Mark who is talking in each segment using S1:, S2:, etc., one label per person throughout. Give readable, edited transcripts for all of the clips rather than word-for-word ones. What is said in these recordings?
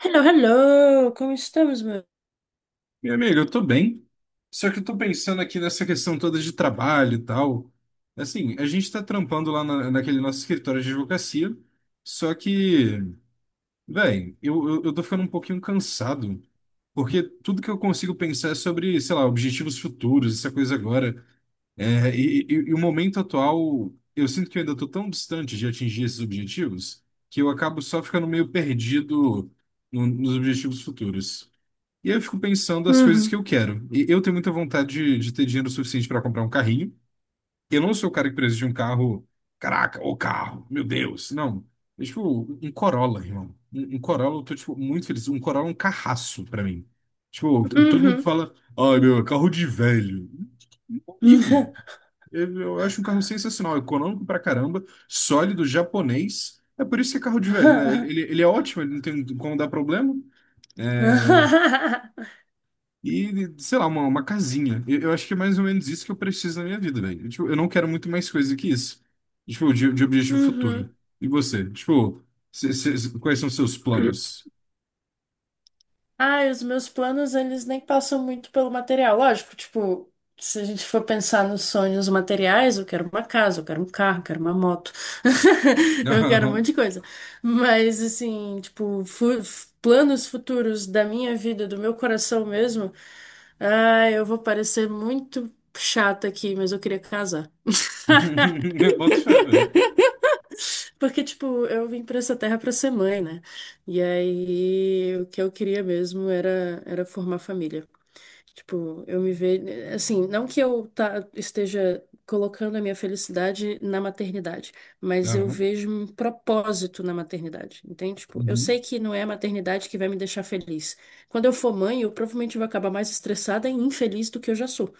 S1: Hello, hello, como estamos, meu?
S2: Meu amigo, eu tô bem. Só que eu tô pensando aqui nessa questão toda de trabalho e tal. Assim, a gente tá trampando naquele nosso escritório de advocacia. Só que, velho, eu tô ficando um pouquinho cansado. Porque tudo que eu consigo pensar é sobre, sei lá, objetivos futuros, essa coisa agora. E o momento atual, eu sinto que eu ainda tô tão distante de atingir esses objetivos que eu acabo só ficando meio perdido nos objetivos futuros. E aí eu fico pensando as coisas que
S1: Uhum,
S2: eu quero. E eu tenho muita vontade de ter dinheiro suficiente para comprar um carrinho. Eu não sou o cara que precisa de um carro. Caraca, o carro, meu Deus. Não. É tipo, um Corolla, irmão. Um Corolla, eu tô, tipo, muito feliz. Um Corolla é um carraço pra mim. Tipo, todo mundo
S1: uhum,
S2: fala, ai, meu, é carro de velho. Não ligo. Eu acho um carro sensacional, econômico pra caramba, sólido, japonês. É por isso que é carro de velho, né? Ele é ótimo, ele não tem como dar problema. E, sei lá, uma casinha. Eu acho que é mais ou menos isso que eu preciso na minha vida, velho. Tipo, eu não quero muito mais coisa que isso. Tipo, de objetivo futuro.
S1: uhum.
S2: E você? Tipo, quais são os seus planos?
S1: Ai, os meus planos, eles nem passam muito pelo material. Lógico, tipo, se a gente for pensar nos sonhos materiais, eu quero uma casa, eu quero um carro, eu quero uma moto, eu quero um monte
S2: Aham.
S1: de coisa. Mas, assim, tipo, planos futuros da minha vida, do meu coração mesmo, ai, eu vou parecer muito chata aqui, mas eu queria casar.
S2: Eu boto fé, velho.
S1: Porque, tipo, eu vim pra essa terra pra ser mãe, né? E aí, o que eu queria mesmo era, era formar família. Tipo, eu me vejo. Assim, não que eu esteja colocando a minha felicidade na maternidade, mas eu
S2: Aham.
S1: vejo um propósito na maternidade, entende? Tipo, eu
S2: Uhum.
S1: sei que não é a maternidade que vai me deixar feliz. Quando eu for mãe, eu provavelmente vou acabar mais estressada e infeliz do que eu já sou.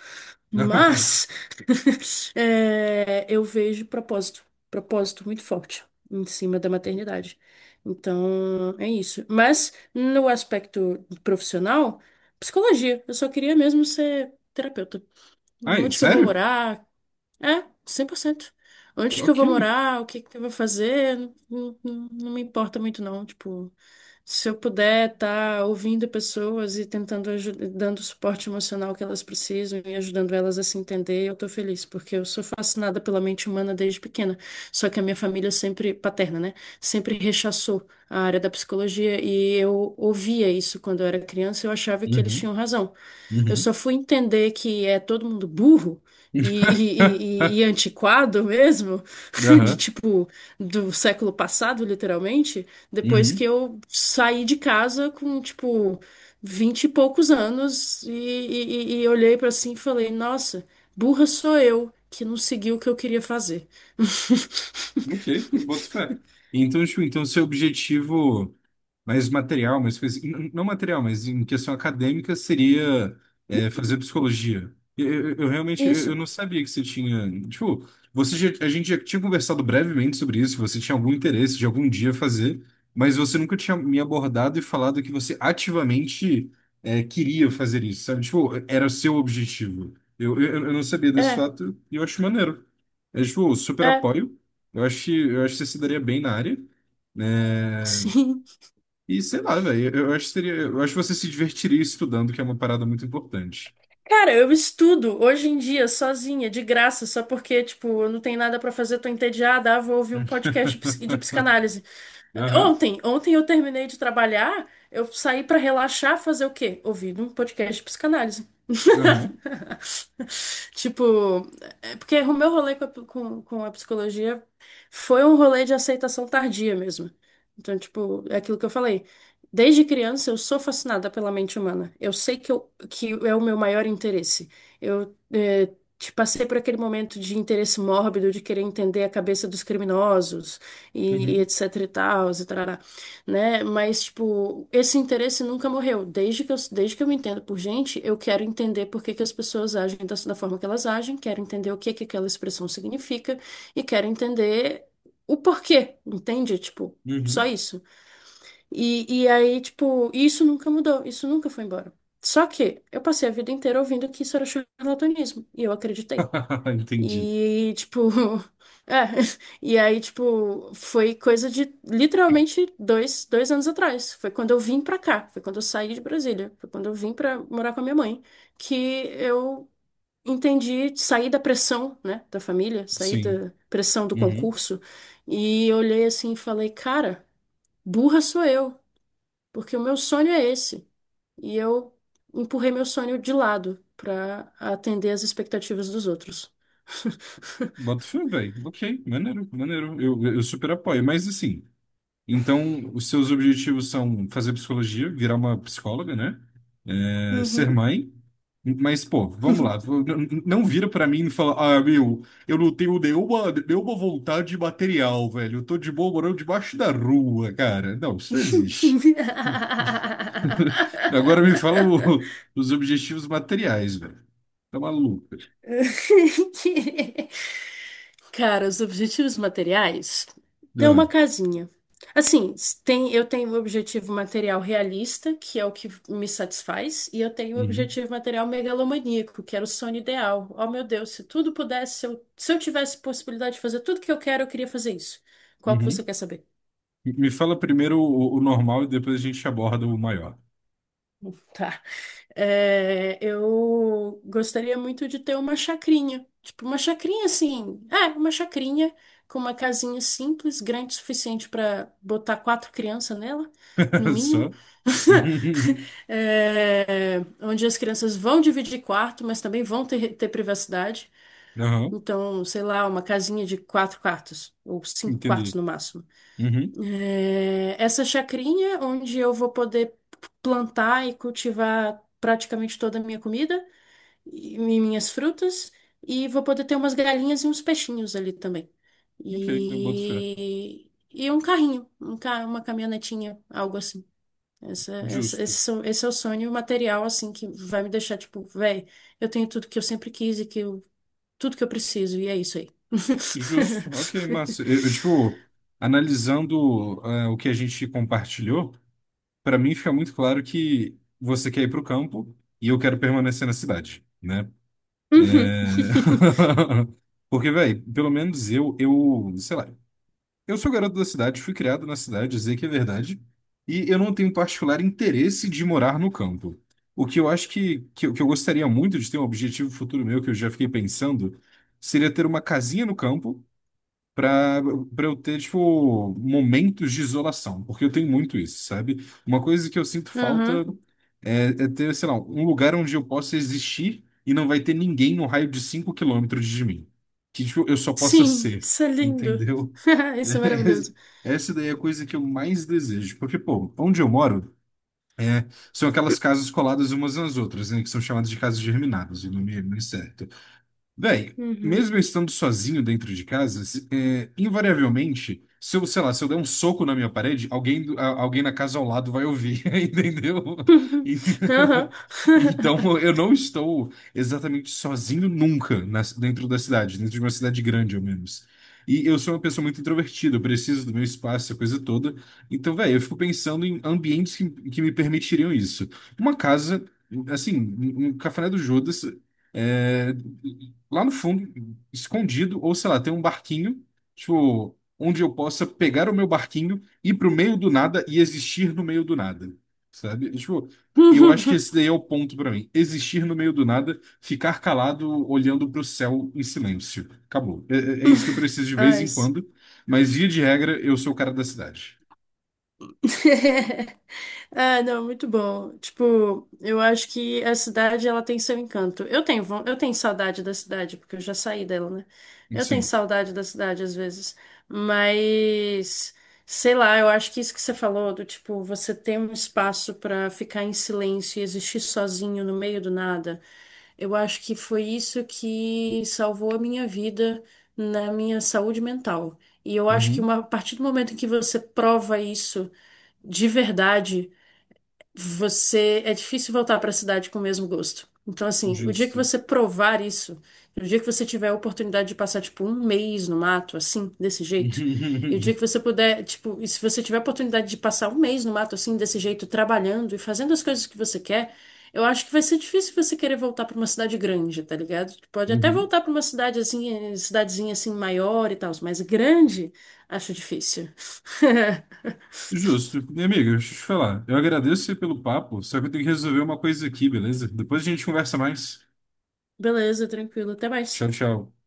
S2: Aham.
S1: Mas. É, eu vejo propósito muito forte em cima da maternidade. Então, é isso. Mas no aspecto profissional, psicologia, eu só queria mesmo ser terapeuta.
S2: Ai,
S1: Onde que eu vou
S2: sério?
S1: morar? É, 100%. Onde que eu
S2: Ok.
S1: vou morar, o que que eu vou fazer, não me importa muito não, tipo, se eu puder estar ouvindo pessoas e tentando dando o suporte emocional que elas precisam e ajudando elas a se entender, eu tô feliz, porque eu sou fascinada pela mente humana desde pequena. Só que a minha família sempre paterna, né, sempre rechaçou a área da psicologia e eu ouvia isso quando eu era criança, eu achava que eles
S2: Uhum.
S1: tinham razão. Eu
S2: Uhum.
S1: só fui entender que é todo mundo burro e, e antiquado mesmo, de
S2: Aham.
S1: tipo do século passado, literalmente, depois que
S2: Uhum.
S1: eu saí de casa com tipo vinte e poucos anos e olhei pra assim e falei, nossa, burra sou eu que não segui o que eu queria fazer.
S2: Ok, eu boto fé. Então, tipo, então seu objetivo mais material, mais coisa, não material, mas em questão acadêmica seria fazer psicologia. Eu realmente eu
S1: Isso,
S2: eu não sabia que você tinha, tipo, a gente já tinha conversado brevemente sobre isso, que você tinha algum interesse de algum dia fazer, mas você nunca tinha me abordado e falado que você ativamente queria fazer isso, sabe? Tipo, era o seu objetivo. Eu não sabia desse
S1: é,
S2: fato e eu acho maneiro. É, tipo, super
S1: é,
S2: apoio. Eu acho que você se daria bem na área, né?
S1: sim.
S2: E sei lá, velho, eu acho que seria, eu acho que você se divertiria estudando, que é uma parada muito importante.
S1: Cara, eu estudo hoje em dia sozinha, de graça, só porque, tipo, eu não tenho nada pra fazer, tô entediada, ah, vou ouvir um podcast de de psicanálise.
S2: Aham,
S1: Ontem eu terminei de trabalhar, eu saí pra relaxar, fazer o quê? Ouvir um podcast de psicanálise.
S2: aham,
S1: Tipo, é porque o meu rolê com a psicologia foi um rolê de aceitação tardia mesmo. Então, tipo, é aquilo que eu falei. Desde criança eu sou fascinada pela mente humana. Eu sei que, eu, que é o meu maior interesse. Eu te passei por aquele momento de interesse mórbido, de querer entender a cabeça dos criminosos e
S2: uhum,
S1: etc e tal, e tarará, né? Mas, tipo, esse interesse nunca morreu. Desde que eu me entendo por gente, eu quero entender por que que as pessoas agem da forma que elas agem, quero entender o que que aquela expressão significa e quero entender o porquê, entende? Tipo, só
S2: uhum.
S1: isso. E aí, tipo, isso nunca mudou, isso nunca foi embora. Só que eu passei a vida inteira ouvindo que isso era charlatanismo, e eu acreditei.
S2: Entendi.
S1: E, tipo. É, e aí, tipo, foi coisa de literalmente dois anos atrás. Foi quando eu vim pra cá, foi quando eu saí de Brasília, foi quando eu vim pra morar com a minha mãe, que eu entendi, saí da pressão, né, da família, saí
S2: Sim.
S1: da pressão do
S2: Uhum.
S1: concurso, e olhei assim e falei, cara, burra sou eu, porque o meu sonho é esse. E eu empurrei meu sonho de lado pra atender às expectativas dos outros.
S2: Bota fé, velho. Ok, maneiro, maneiro. Eu super apoio. Mas assim, então, os seus objetivos são fazer psicologia, virar uma psicóloga, né? É, ser
S1: Uhum.
S2: mãe. Mas, pô, vamos lá. Não vira pra mim e fala, ah, meu, eu não tenho nenhuma vontade material, velho. Eu tô de boa morando debaixo da rua, cara. Não, isso não existe. Agora me fala os objetivos materiais, velho. Tá maluco.
S1: Que- Cara, os objetivos materiais tem
S2: Ah,
S1: uma casinha. Assim, tem, eu tenho um objetivo material realista, que é o que me satisfaz, e eu tenho um
S2: uhum,
S1: objetivo material megalomaníaco, que era o sonho ideal. Oh, meu Deus, se tudo pudesse, se eu tivesse possibilidade de fazer tudo que eu quero, eu queria fazer isso. Qual que você
S2: uhum.
S1: quer saber?
S2: Me fala primeiro o normal e depois a gente aborda o maior.
S1: Tá. É, eu gostaria muito de ter uma chacrinha. Tipo, uma chacrinha assim. É, uma chacrinha com uma casinha simples, grande o suficiente para botar quatro crianças nela, no mínimo.
S2: Só.
S1: É, onde as crianças vão dividir quarto, mas também vão ter privacidade.
S2: Aham,
S1: Então, sei lá, uma casinha de quatro quartos, ou cinco quartos
S2: entendi.
S1: no máximo.
S2: Uhum,
S1: É, essa chacrinha onde eu vou poder plantar e cultivar praticamente toda a minha comida e minhas frutas, e vou poder ter umas galinhas e uns peixinhos ali também.
S2: ok, eu boto fé.
S1: E um carrinho, uma caminhonetinha, algo assim. Essa, essa-
S2: Justo.
S1: esse, so- esse é o sonho material, assim, que vai me deixar, tipo, véi, eu tenho tudo que eu sempre quis e que eu, tudo que eu preciso, e é isso aí.
S2: Justo. Ok, massa. Tipo, analisando o que a gente compartilhou, para mim fica muito claro que você quer ir pro campo e eu quero permanecer na cidade, né?
S1: Uhum.
S2: Porque, velho, pelo menos sei lá, eu sou garoto da cidade, fui criado na cidade, dizer que é verdade, e eu não tenho particular interesse de morar no campo. O que eu acho que eu gostaria muito de ter um objetivo futuro meu, que eu já fiquei pensando, seria ter uma casinha no campo para para eu ter, tipo, momentos de isolação, porque eu tenho muito isso, sabe? Uma coisa que eu sinto falta
S1: Uhum.
S2: é, é ter, sei lá, um lugar onde eu possa existir e não vai ter ninguém no raio de 5 km de mim. Que, tipo, eu só possa
S1: Sim,
S2: ser,
S1: isso é lindo.
S2: entendeu?
S1: Isso é maravilhoso.
S2: Essa daí é a coisa que eu mais desejo, porque, pô, onde eu moro é, são aquelas casas coladas umas nas outras, né, que são chamadas de casas germinadas, o nome é muito certo. Daí,
S1: Uhum.
S2: mesmo eu estando sozinho dentro de casa, invariavelmente, se eu, sei lá, se eu der um soco na minha parede, alguém, alguém na casa ao lado vai ouvir, entendeu? E-
S1: Aham.
S2: Então, eu não estou exatamente sozinho nunca dentro da cidade, dentro de uma cidade grande, ao menos. E eu sou uma pessoa muito introvertida, eu preciso do meu espaço, a coisa toda. Então, velho, eu fico pensando em ambientes que me permitiriam isso. Uma casa, assim, um cafuné do Judas. É, lá no fundo, escondido, ou sei lá, tem um barquinho, tipo, onde eu possa pegar o meu barquinho, ir pro meio do nada e existir no meio do nada, sabe? Tipo, eu acho que esse daí é o ponto pra mim. Existir no meio do nada, ficar calado, olhando pro céu em silêncio. Acabou. É isso que eu preciso de vez
S1: Ah,
S2: em
S1: isso.
S2: quando, mas via de regra, eu sou o cara da cidade.
S1: Ah, não, muito bom. Tipo, eu acho que a cidade ela tem seu encanto. Eu tenho, eu tenho saudade da cidade, porque eu já saí dela, né? Eu tenho
S2: Sim.
S1: saudade da cidade às vezes, mas sei lá, eu acho que isso que você falou do tipo, você ter um espaço pra ficar em silêncio e existir sozinho no meio do nada. Eu acho que foi isso que salvou a minha vida na minha saúde mental. E eu acho que
S2: Uhum.
S1: a partir do momento em que você prova isso de verdade, você é difícil voltar para a cidade com o mesmo gosto. Então, assim, o dia que
S2: Justo.
S1: você provar isso, e o dia que você tiver a oportunidade de passar, tipo, um mês no mato, assim, desse jeito, e o dia que você puder, tipo, e se você tiver a oportunidade de passar um mês no mato, assim, desse jeito, trabalhando e fazendo as coisas que você quer, eu acho que vai ser difícil você querer voltar para uma cidade grande, tá ligado? Tipo, pode até
S2: Uhum.
S1: voltar para uma cidade, assim, cidadezinha, assim, maior e tal, mas grande, acho difícil.
S2: Justo. Minha amiga, deixa eu te falar. Eu agradeço você pelo papo, só que eu tenho que resolver uma coisa aqui, beleza? Depois a gente conversa mais.
S1: Beleza, tranquilo, até
S2: Tchau,
S1: mais.
S2: tchau.